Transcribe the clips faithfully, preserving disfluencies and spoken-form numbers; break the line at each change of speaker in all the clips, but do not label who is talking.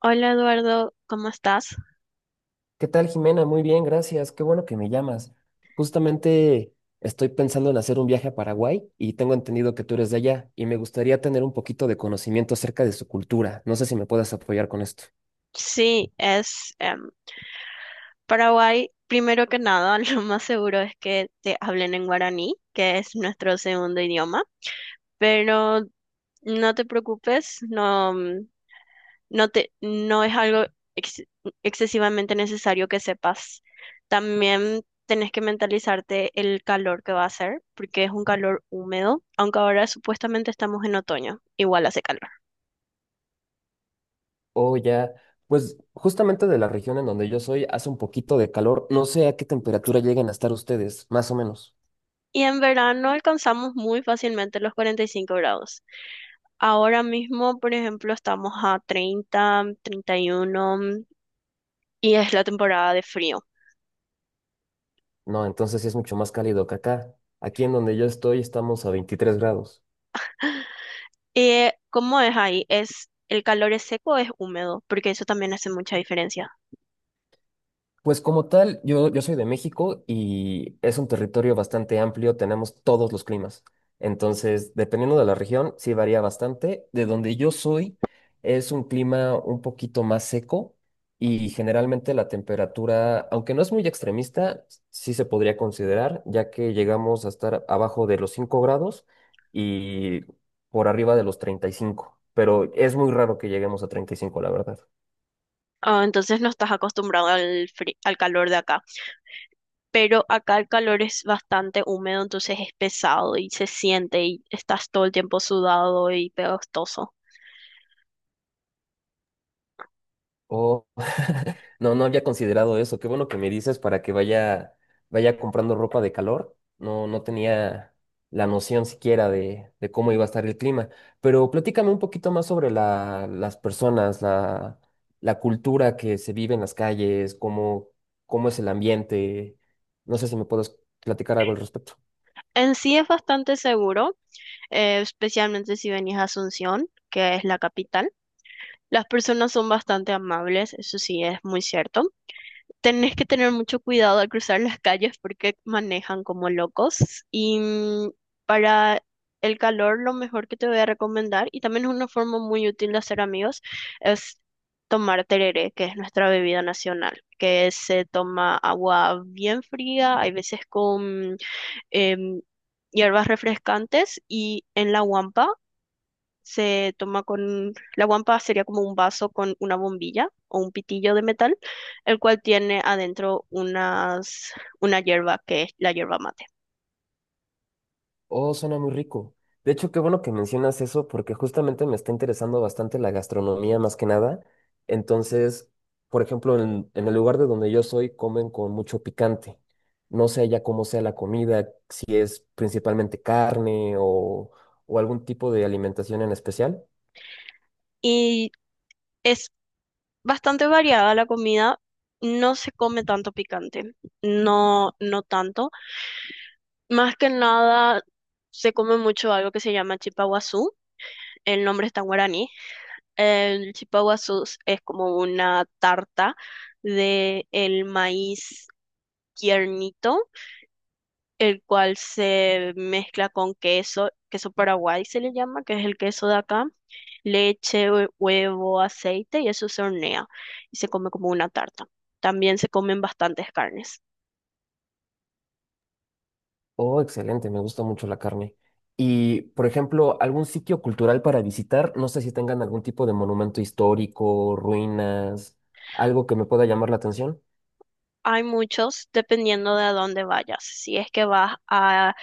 Hola Eduardo, ¿cómo estás?
¿Qué tal, Jimena? Muy bien, gracias. Qué bueno que me llamas. Justamente estoy pensando en hacer un viaje a Paraguay y tengo entendido que tú eres de allá y me gustaría tener un poquito de conocimiento acerca de su cultura. No sé si me puedas apoyar con esto.
Sí, es em, Paraguay. Primero que nada, lo más seguro es que te hablen en guaraní, que es nuestro segundo idioma, pero no te preocupes, no, mm, no te, no es algo ex- excesivamente necesario que sepas. También tenés que mentalizarte el calor que va a hacer, porque es un calor húmedo, aunque ahora supuestamente estamos en otoño, igual hace calor.
Oh, ya. Pues justamente de la región en donde yo soy hace un poquito de calor. No sé a qué temperatura lleguen a estar ustedes, más o menos.
Y en verano alcanzamos muy fácilmente los cuarenta y cinco grados. Ahora mismo, por ejemplo, estamos a treinta, treinta y uno y uno mm, y es la temporada de frío.
No, entonces sí es mucho más cálido que acá. Aquí en donde yo estoy estamos a veintitrés grados.
Eh, ¿cómo es ahí? ¿Es ¿el calor es seco o es húmedo? Porque eso también hace mucha diferencia.
Pues como tal, yo, yo soy de México y es un territorio bastante amplio, tenemos todos los climas. Entonces, dependiendo de la región, sí varía bastante. De donde yo soy, es un clima un poquito más seco y generalmente la temperatura, aunque no es muy extremista, sí se podría considerar, ya que llegamos a estar abajo de los cinco grados y por arriba de los treinta y cinco, pero es muy raro que lleguemos a treinta y cinco, la verdad.
Ah, entonces no estás acostumbrado al fri- al calor de acá, pero acá el calor es bastante húmedo, entonces es pesado y se siente y estás todo el tiempo sudado y pegostoso.
Oh, no, no había considerado eso. Qué bueno que me dices para que vaya, vaya comprando ropa de calor. No, no tenía la noción siquiera de, de cómo iba a estar el clima. Pero platícame un poquito más sobre la, las personas, la, la cultura que se vive en las calles, cómo, cómo es el ambiente. No sé si me puedes platicar algo al respecto.
En sí es bastante seguro, eh, especialmente si venís a Asunción, que es la capital. Las personas son bastante amables, eso sí es muy cierto. Tenés que tener mucho cuidado al cruzar las calles porque manejan como locos. Y, mm, para el calor, lo mejor que te voy a recomendar, y también es una forma muy útil de hacer amigos, es tomar tereré, que es nuestra bebida nacional, que se toma agua bien fría, hay veces con em, hierbas refrescantes, y en la guampa se toma con, la guampa sería como un vaso con una bombilla o un pitillo de metal, el cual tiene adentro unas, una hierba que es la hierba mate.
Oh, suena muy rico. De hecho, qué bueno que mencionas eso porque justamente me está interesando bastante la gastronomía más que nada. Entonces, por ejemplo, en, en el lugar de donde yo soy comen con mucho picante. No sé ya cómo sea la comida, principalmente carne o, o algún tipo de alimentación en especial.
Y es bastante variada la comida, no se come tanto picante, no, no tanto. Más que nada se come mucho algo que se llama chipaguazú, el nombre está en guaraní. El chipaguazú es como una tarta de el maíz tiernito, el cual se mezcla con queso, queso paraguay se le llama, que es el queso de acá, leche, hue- huevo, aceite, y eso se hornea y se come como una tarta. También se comen bastantes carnes.
Oh, excelente, me gusta mucho la carne. Y, por ejemplo, algún sitio cultural para visitar, no sé si tengan algún tipo de monumento histórico, ruinas, algo que me pueda llamar la atención.
Hay muchos dependiendo de a dónde vayas. Si es que vas a-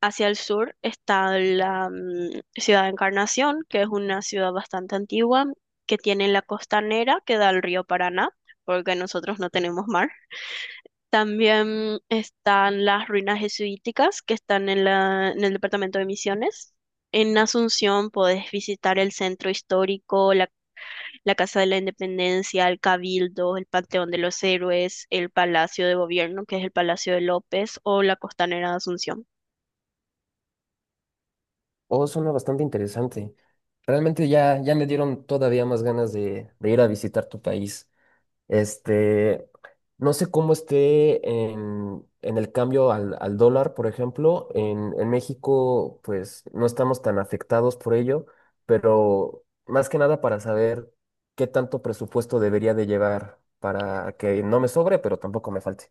hacia el sur, está la mm, ciudad de Encarnación, que es una ciudad bastante antigua, que tiene la costanera que da al río Paraná, porque nosotros no tenemos mar. También están las ruinas jesuíticas que están en la, en el departamento de Misiones. En Asunción podés visitar el centro histórico, la, la Casa de la Independencia, el Cabildo, el Panteón de los Héroes, el Palacio de Gobierno, que es el Palacio de López, o la Costanera de Asunción.
Oh, suena bastante interesante. Realmente ya, ya me dieron todavía más ganas de, de ir a visitar tu país. Este, no sé cómo esté en, en el cambio al, al dólar, por ejemplo. En, en México, pues no estamos tan afectados por ello, pero más que nada para saber qué tanto presupuesto debería de llevar para que no me sobre, pero tampoco me falte.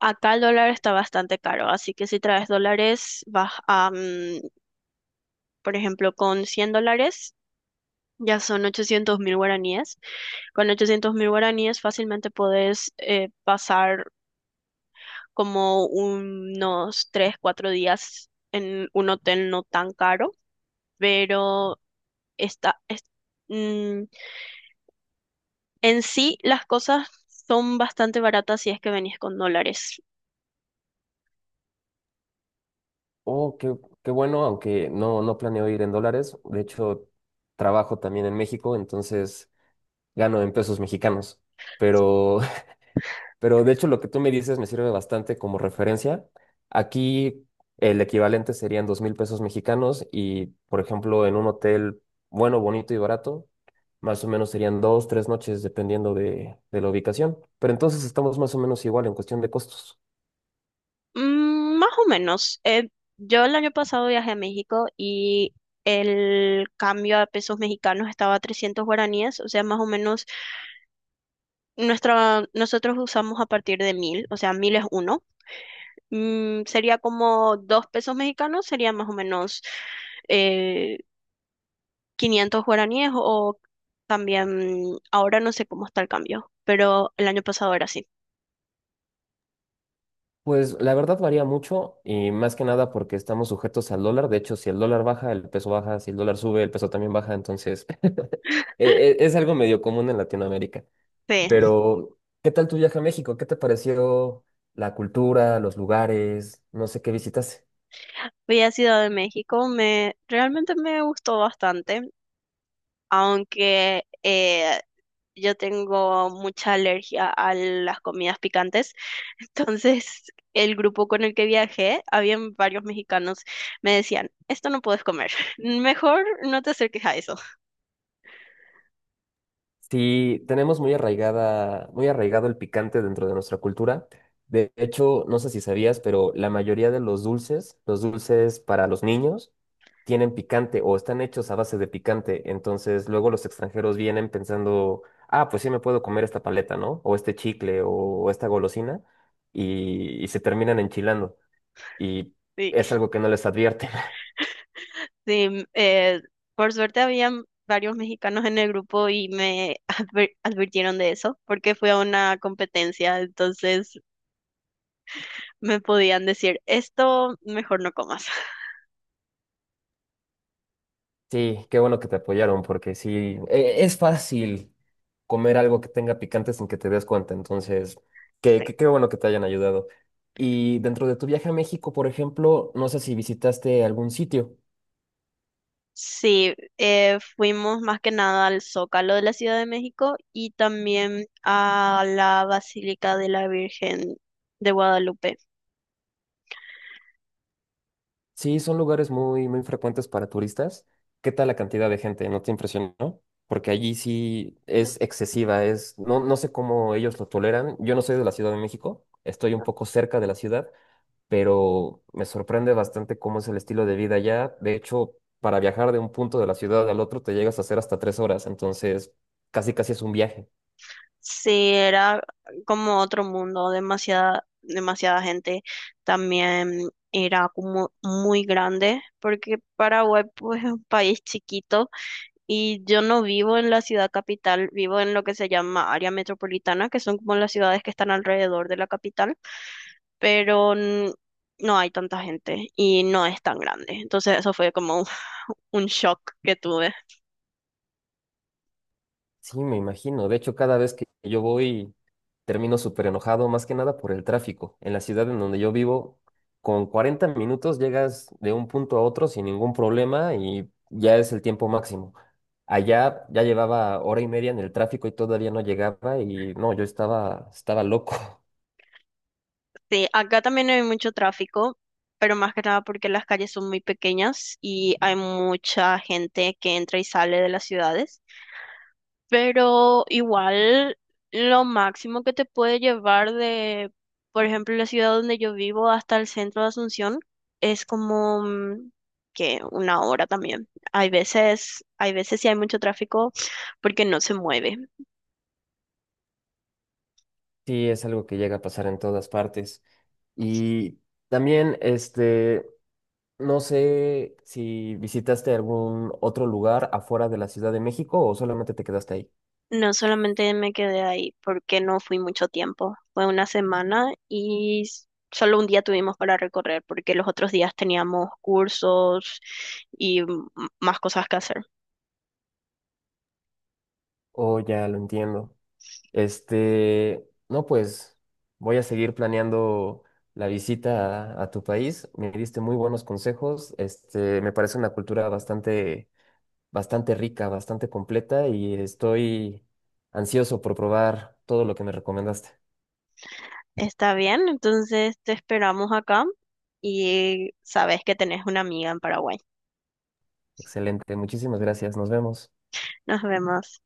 Acá el dólar está bastante caro, así que si traes dólares, vas a, mm, por ejemplo, con cien dólares ya son ochocientos mil guaraníes. Con ochocientos mil guaraníes fácilmente podés eh, pasar como unos tres cuatro días en un hotel no tan caro, pero está, es- mm, en sí las cosas son bastante baratas si es que venís con dólares.
Oh, qué, qué bueno, aunque no, no planeo ir en dólares. De hecho, trabajo también en México, entonces gano en pesos mexicanos. Pero, pero de hecho, lo que tú me dices me sirve bastante como referencia. Aquí el equivalente serían dos mil pesos mexicanos y, por ejemplo, en un hotel bueno, bonito y barato, más o menos serían dos, tres noches, dependiendo de, de la ubicación. Pero entonces estamos más o menos igual en cuestión de costos.
Mm, más o menos. Eh, yo el año pasado viajé a México y el cambio a pesos mexicanos estaba a trescientos guaraníes, o sea, más o menos nuestra, nosotros usamos a partir de mil, o sea, mil es uno, mm, sería como dos pesos mexicanos, sería más o menos eh, quinientos guaraníes. O también, ahora no sé cómo está el cambio, pero el año pasado era así.
Pues la verdad varía mucho y más que nada porque estamos sujetos al dólar. De hecho, si el dólar baja, el peso baja. Si el dólar sube, el peso también baja. Entonces, e- e- es algo medio común en Latinoamérica.
Sí,
Pero, ¿qué tal tu viaje a México? ¿Qué te pareció la cultura, los lugares? No sé qué visitaste.
fui a Ciudad de México, me, realmente me gustó bastante, aunque eh, yo tengo mucha alergia a las comidas picantes, entonces el grupo con el que viajé, habían varios mexicanos, me decían, esto no puedes comer, mejor no te acerques a eso.
Sí, tenemos muy arraigada, muy arraigado el picante dentro de nuestra cultura. De hecho, no sé si sabías, pero la mayoría de los dulces, los dulces para los niños, tienen picante o están hechos a base de picante. Entonces, luego los extranjeros vienen pensando, ah, pues sí me puedo comer esta paleta, ¿no? O este chicle o esta golosina y, y se terminan enchilando. Y
Sí,
es algo que no les advierten.
sí, eh, por suerte habían varios mexicanos en el grupo y me adver- advirtieron de eso porque fui a una competencia, entonces me podían decir, esto mejor no comas.
Sí, qué bueno que te apoyaron, porque sí, e- es fácil comer algo que tenga picante sin que te des cuenta, entonces, qué,
Sí.
qué, qué bueno que te hayan ayudado. Y dentro de tu viaje a México, por ejemplo, no sé si visitaste algún sitio.
Sí, eh, fuimos más que nada al Zócalo de la Ciudad de México y también a la Basílica de la Virgen de Guadalupe.
Sí, son lugares muy, muy frecuentes para turistas. ¿Qué tal la cantidad de gente? ¿No te impresionó? Porque allí sí es excesiva, es, no, no sé cómo ellos lo toleran. Yo no soy de la Ciudad de México, estoy un poco cerca de la ciudad, pero me sorprende bastante cómo es el estilo de vida allá. De hecho, para viajar de un punto de la ciudad al otro te llegas a hacer hasta tres horas, entonces casi casi es un viaje.
Sí, era como otro mundo, demasiada, demasiada gente. También era como muy grande, porque Paraguay pues, es un país chiquito y yo no vivo en la ciudad capital, vivo en lo que se llama área metropolitana, que son como las ciudades que están alrededor de la capital, pero n- no hay tanta gente y no es tan grande. Entonces eso fue como un un shock que tuve.
Sí, me imagino. De hecho, cada vez que yo voy termino súper enojado, más que nada por el tráfico. En la ciudad en donde yo vivo, con cuarenta minutos llegas de un punto a otro sin ningún problema y ya es el tiempo máximo. Allá ya llevaba hora y media en el tráfico y todavía no llegaba y no, yo estaba, estaba loco.
Sí, acá también hay mucho tráfico, pero más que nada porque las calles son muy pequeñas y hay mucha gente que entra y sale de las ciudades. Pero igual lo máximo que te puede llevar de, por ejemplo, la ciudad donde yo vivo hasta el centro de Asunción es como mm, que una hora también. Hay veces, hay veces sí hay mucho tráfico porque no se mueve.
Sí, es algo que llega a pasar en todas partes. Y también, este, no sé si visitaste algún otro lugar afuera de la Ciudad de México o solamente te quedaste ahí.
No, solamente me quedé ahí porque no fui mucho tiempo. Fue una semana y s- solo un día tuvimos para recorrer porque los otros días teníamos cursos y m- más cosas que hacer.
Oh, ya lo entiendo. Este, no, pues voy a seguir planeando la visita a, a tu país. Me diste muy buenos consejos. Este, me parece una cultura bastante, bastante rica, bastante completa y estoy ansioso por probar todo lo que me recomendaste.
Está bien, entonces te esperamos acá y sabes que tenés una amiga en Paraguay.
Excelente, muchísimas gracias. Nos vemos.
Nos vemos.